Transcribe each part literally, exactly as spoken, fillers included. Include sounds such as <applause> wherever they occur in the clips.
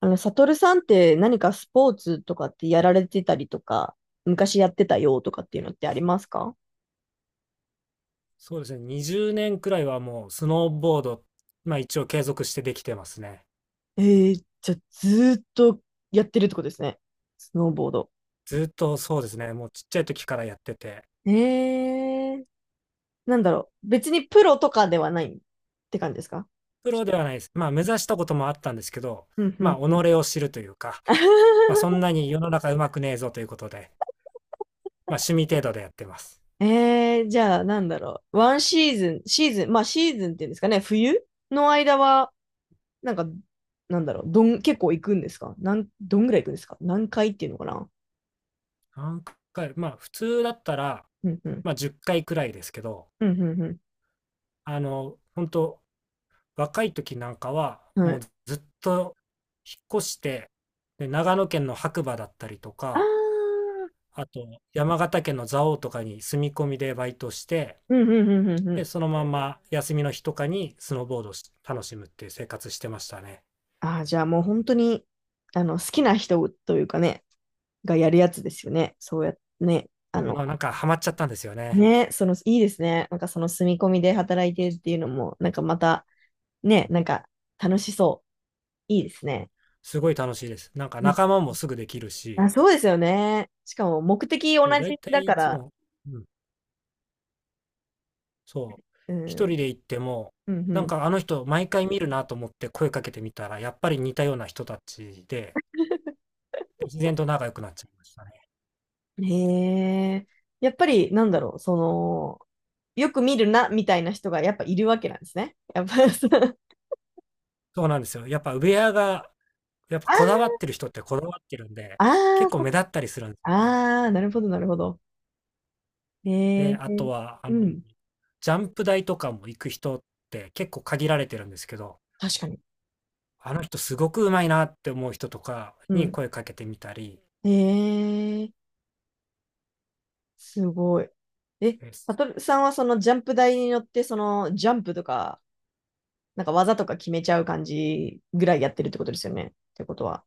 あの、サトルさんって何かスポーツとかってやられてたりとか、昔やってたよとかっていうのってありますか？そうですね。にじゅうねんくらいはもうスノーボード、まあ一応継続してできてますね。えー、じゃあずーっとやってるってことですね。スノーボード。ずっとそうですね。もうちっちゃい時からやってて、えー、なんだろう。別にプロとかではないって感じですか？プロではないです。まあ目指したこともあったんですけど、うんうまあん己うん。を知るというか、まあそん <laughs> なに世の中うまくねえぞということで、まあ趣味程度でやってます。えー、じゃあなんだろう。ワンシーズン、シーズン、まあシーズンっていうんですかね、冬の間は、なんか、なんだろう、どん、結構行くんですか？なん、どんぐらい行くんですか？何回っていうのかな？何回、まあ普通だったら、うんうん。まあじゅっかいくらいですけど、うんうんうあの、本当若い時なんかは、ん。はもうい。ずっと引っ越して、で長野県の白馬だったりとあか、あ、あと、山形県の蔵王とかに住み込みでバイトして、うんうんうんうんうで、ん。そのまま休みの日とかにスノーボードをし楽しむっていう生活してましたね。ああ、じゃあもう本当に、あの、好きな人というかね、がやるやつですよね。そうやってね。ああの、のなんかハマっちゃったんですよね。ね、その、いいですね。なんかその住み込みで働いてるっていうのも、なんかまた、うね、ん、なんか楽しそう。いいですね。すごい楽しいです。なんかうん。仲間もすぐできるあ、し、そうですよね。しかも目的同そうだいじただいかいつら、も、うん、そう、う一ん、人で行っても、うん、うなんん。かあの人毎回見るなと思って声かけてみたら、やっぱり似たような人たちで、で自然と仲良くなっちゃいましたね。へえ。やっぱり、なんだろう、その、よく見るな、みたいな人がやっぱいるわけなんですね。やっぱ、そう。そうなんですよ。やっぱウェアがやっぱこだあわってる人ってこだわってるんで、あ、あ結ー構そっ目か。立ったりするんですよね。あー、なるほど、なるほど。へで、え。あとは、あうの、ん。ジャンプ台とかも行く人って結構限られてるんですけど、確かに。あの人すごくうまいなって思う人とかうにん。声かけてみたりへえ。すごい。え、です。サトルさんはそのジャンプ台に乗って、そのジャンプとか、なんか技とか決めちゃう感じぐらいやってるってことですよね。ってことは。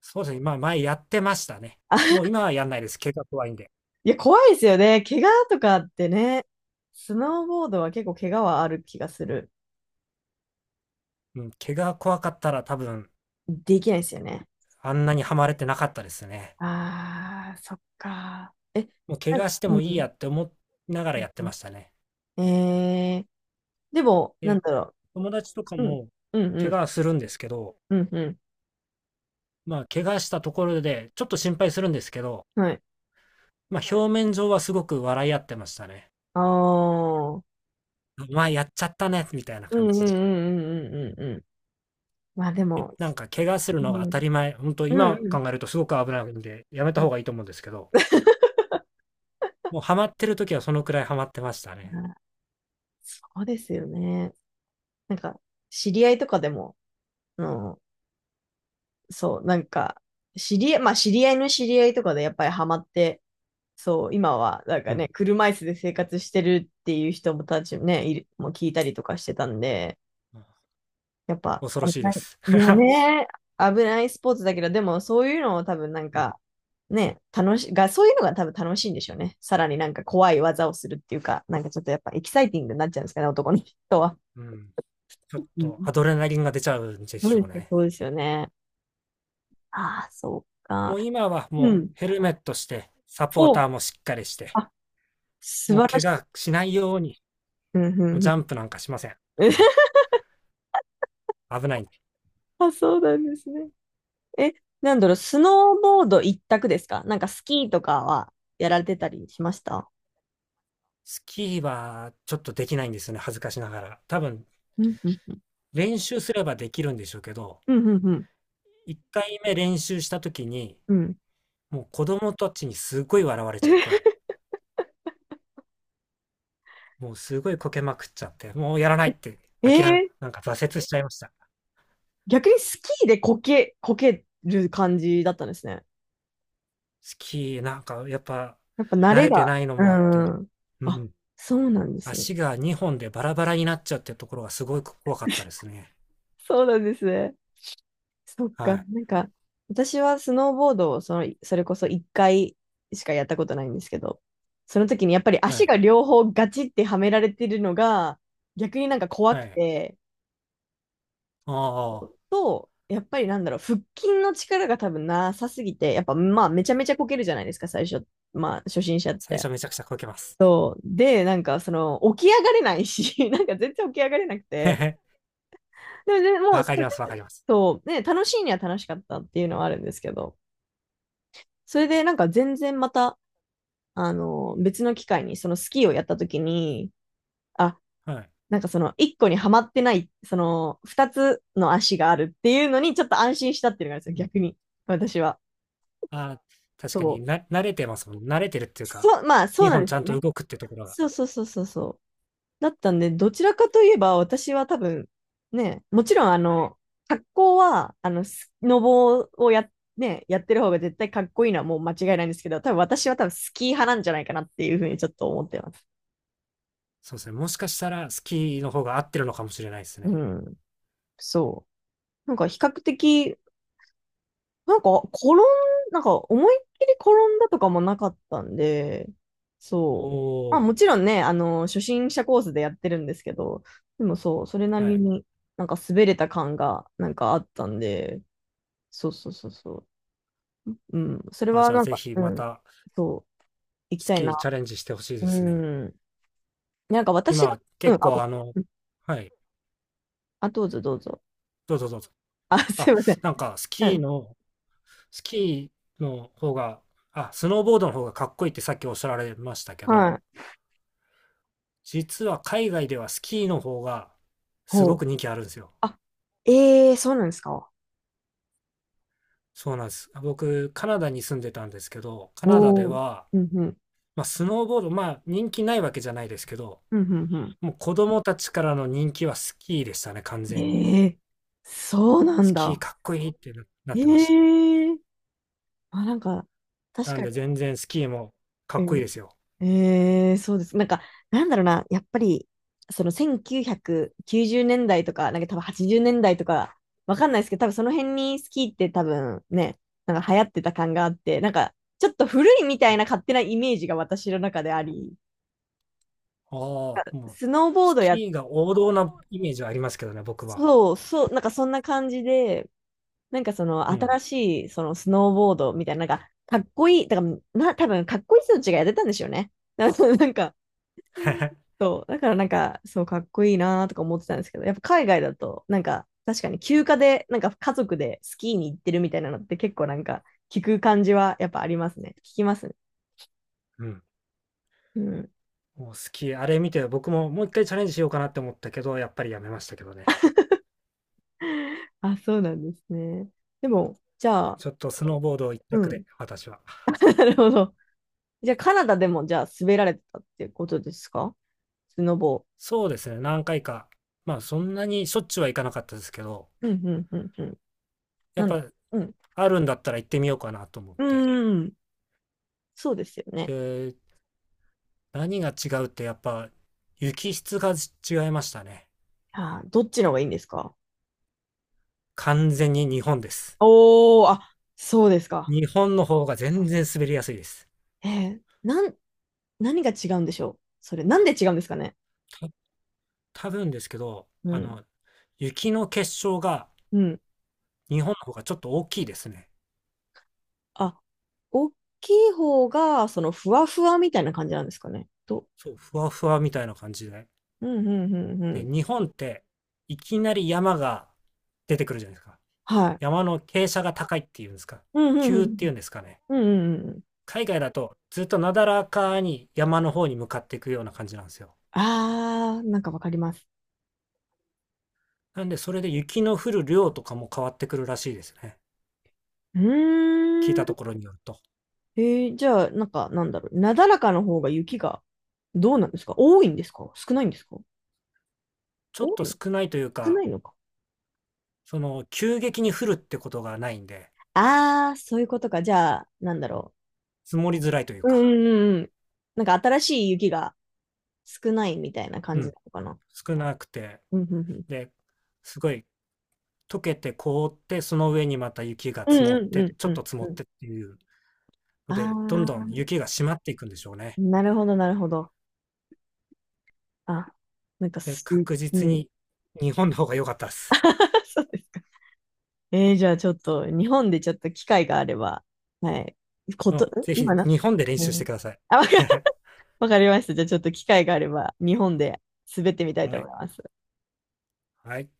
そうですね。まあ前やってましたね。もう今はやんないです。怪我怖いんで。いや、怖いですよね。怪我とかってね。スノーボードは結構怪我はある気がする。うん、怪我怖かったら多分できないですよね。あんなにはまれてなかったですね。ああ、そっか。え、もう怪なんか我してうもいいん。やって思いながらうやってましたね。ん。えー、でも、なんで、だろ友達とかう。うん、もうん、う怪ん、我するんですけど、うん、うまあ、怪我したところで、ちょっと心配するんですけど、ん。はい。まあ、表面上はすごく笑い合ってましたね。ああ、うん、まあ、やっちゃったね、みたいなう感ん、うん、うん、うじで。ん、うん。うん。まあでえも、なんか、怪我するうのが当たん、り前。本当うん、今うん。考えるとすごく危ないんで、やめた方がいいと思うんですけど、もうハマってる時はそのくらいハマってましたあね。ー、そうですよね。なんか、知り合いとかでも、あの、そう、なんか、知り合い、まあ知り合いの知り合いとかでやっぱりハマって、そう、今はなんうかん。ね、車椅子で生活してるっていう人もたちもね、いる、もう聞いたりとかしてたんで、やっぱ恐ろ危しいなでい、す。ね、<laughs> ね、危ないスポーツだけど、でもそういうのを多分なんうん。か、ね、楽し、が、そういうのが多分楽しいんでしょうね。さらになんか怖い技をするっていうか、なんかちょっとやっぱエキサイティングになっちゃうんですかね、男の人は。うん。ちょっうと、ん。アドレナリンが出ちゃうんでそうしでょうすよ、ね。そうですよね。ああ、そうか。もう今はもうヘルメットして、サポーターもしっかりして、素もう晴ら怪しい。我しないように、うんもううんジうャンプなんかしません。んん。 危ない。<laughs> あ、そうなんですね。え、なんだろう、スノーボード一択ですか？なんかスキーとかはやられてたりしました？スキーはちょっとできないんですよね、恥ずかしながら。多分、うんうん。練習すればできるんでしょうけど、うんうんうん。いっかいめ練習した時に、うん。もう子供たちにすごい笑われちゃって、<laughs> もうすごいこけまくっちゃって、もうやらないってえ諦め、ー、なんか挫折しちゃいました。逆にスキーでこけ、こける感じだったんですね。スキーなんかやっぱやっぱ慣慣れれてが。ないのうもあって、ん。うあ、ん、そうなんですね。足がにほんでバラバラになっちゃうってところがすごい怖かったですね。そうなんですね。そっはか。い、なんか、私はスノーボードをその、それこそいっかいしかやったことないんですけど、その時にやっぱりは足い、が両方ガチってはめられてるのが、逆になんか怖はくい。て、ああ、と、やっぱりなんだろう、腹筋の力が多分なさすぎて、やっぱまあめちゃめちゃこけるじゃないですか、最初。まあ初心者っ最て。初めちゃくちゃこけます。そう。で、なんかその、起き上がれないし、<laughs> なんか全然起き上がれなくて。<laughs> でも、でも、わそかりう、ますわかります。そうね、楽しいには楽しかったっていうのはあるんですけど。それでなんか全然また、あの、別の機会にそのスキーをやった時に、あ、はい。なんかその一個にはまってない、その二つの足があるっていうのにちょっと安心したっていうのがあるんですうよ、ん。逆に。私は。あー確そかに、なう。慣れてますもん。慣れてるっていうか、そう、まあそ日うな本んでちすゃよんとね。動くってところが。そうそうそうそうそう。だったんで、どちらかといえば私は多分、ね、もちろんあの、格好は、あの、スノボをやっ、ね、やってる方が絶対かっこいいのはもう間違いないんですけど、多分私は多分スキー派なんじゃないかなっていうふうにちょっと思ってます。そうですね。もしかしたらスキーの方が合ってるのかもしれないですうね。ん、そう。なんか比較的、なんか転ん、なんか思いっきり転んだとかもなかったんで、おそう。まあお、もちろんね、あの、初心者コースでやってるんですけど、でもそう、それなはりい。になんか滑れた感がなんかあったんで、そうそうそうそう。うん、それあ、はじゃあなんぜか、ひうまん、たそう、行きスたいキーな。チャレンジしてほしいでうすね。ん。なんか私が、今うん、あ、結構ご、あの、うん、はい、あ、どうぞどうぞ。どうぞどうぞ。あ、すあ、いません。なんかスうキーん、の、スキーの方が、あ、スノーボードの方がかっこいいってさっきおっしゃられましたけど、はい。実は海外ではスキーの方がすほごくう。人気あるんですよ。あ、ええー、そうなんですか？そうなんです。僕、カナダに住んでたんですけど、カナダでおお、は、うんうん、まあ、スノーボード、まあ、人気ないわけじゃないですけど、うんうんうもう子供たちからの人気はスキーでしたね、完ん。全に。ええ、そうなんスキーだ。かっこいいってななっえてましえ、あ、なんか、た。確なんかで、に。全然スキーもかうっこいいん。ですよ。ええ、そうです。なんか、なんだろうな、やっぱり、そのせんきゅうひゃくきゅうじゅうねんだいとか、なんか多分はちじゅうねんだいとか、わかんないですけど、多分その辺にスキーって多分ね、なんか流行ってた感があって、なんか、ちょっと古いみたいね、な勝手なイメージが私の中であり、ああ、もう、スノーボースドや、キーが王道なイメージはありますけどね、僕は。そう、そう、なんかそんな感じで、なんかそのうん。新しいそのスノーボードみたいな、なんかかっこいい、だからな、多分かっこいい人たちがやってたんでしょうね。<laughs> だからなんか、<laughs> そう、だからなんか、そうかっこいいなーとか思ってたんですけど、やっぱ海外だと、なんか確かに休暇で、なんか家族でスキーに行ってるみたいなのって結構なんか聞く感じはやっぱありますね。聞きますね。うん。うん。もうスキー、あれ見て、僕ももう一回チャレンジしようかなって思ったけど、やっぱりやめましたけどね。<laughs> あ、そうなんですね。でも、じゃあ、ちょっとスノーボード一う択ん。で、私は。<laughs> なるほど。じゃあカナダでもじゃあ滑られてたってことですか？スノボそうですね、何回か。まあ、そんなにしょっちゅうは行かなかったですけど、ー。うんうんうんうん。やなっのか、ぱ、うん。あるんだったら行ってみようかなと思っうて。ーん。そうですよね。で、何が違うって、やっぱ、雪質が違いましたね。あー、どっちの方がいいんですか？完全に日本です。おー、あ、そうですか。日本の方が全然滑りやすいです。えー、なん、何が違うんでしょうそれ、なんで違うんですかね？た、多分ですけど、うあん。の、雪の結晶がうん。日本の方がちょっと大きいですね。あ、大きい方が、その、ふわふわみたいな感じなんですかねと。そう、ふわふわみたいな感じで。うん、うん、うん、うで、ん。日本って、いきなり山が出てくるじゃないですか。はい。山の傾斜が高いっていうんですか、うん、う急っん、ていうんですかね。うん。うん、うん、うん。海外だとずっとなだらかに山の方に向かっていくような感じなんですよ。あー、なんかわかります。なんでそれで雪の降る量とかも変わってくるらしいですね。う聞ーいたとん。ころによると。えー、じゃあ、なんか、なんだろう。なだらかの方が雪が、どうなんですか、多いんですか少ないんですか？ちょ多っといの少ないという少か、ないのか。その急激に降るってことがないんで、ああ、そういうことか。じゃあ、なんだろ積もりづらいというう。うか、んうんうんうん。なんか新しい雪が少ないみたいな感うじん、なのかな。少なくて、うん、うん、で、すごい溶けて凍って、その上にまた雪がうん。積もうっん。うて、んちょうんうっんと積うもんっうん。てっていうので、どんどあん雪が締まっていくんでしょうあ、ね。なるほど、なるほど。あ、なんかで、す、確う実ん。に日本の方が良かったです。<laughs> そうですか。えー、じゃあちょっと、日本でちょっと機会があれば、はい。こうと、ん。ん、ぜひ今な、日本で練う習してん。ください。あ、わか、<laughs> <laughs> わかりました。じゃあちょっと機会があれば、日本で滑ってみたいはと思い。います。はい。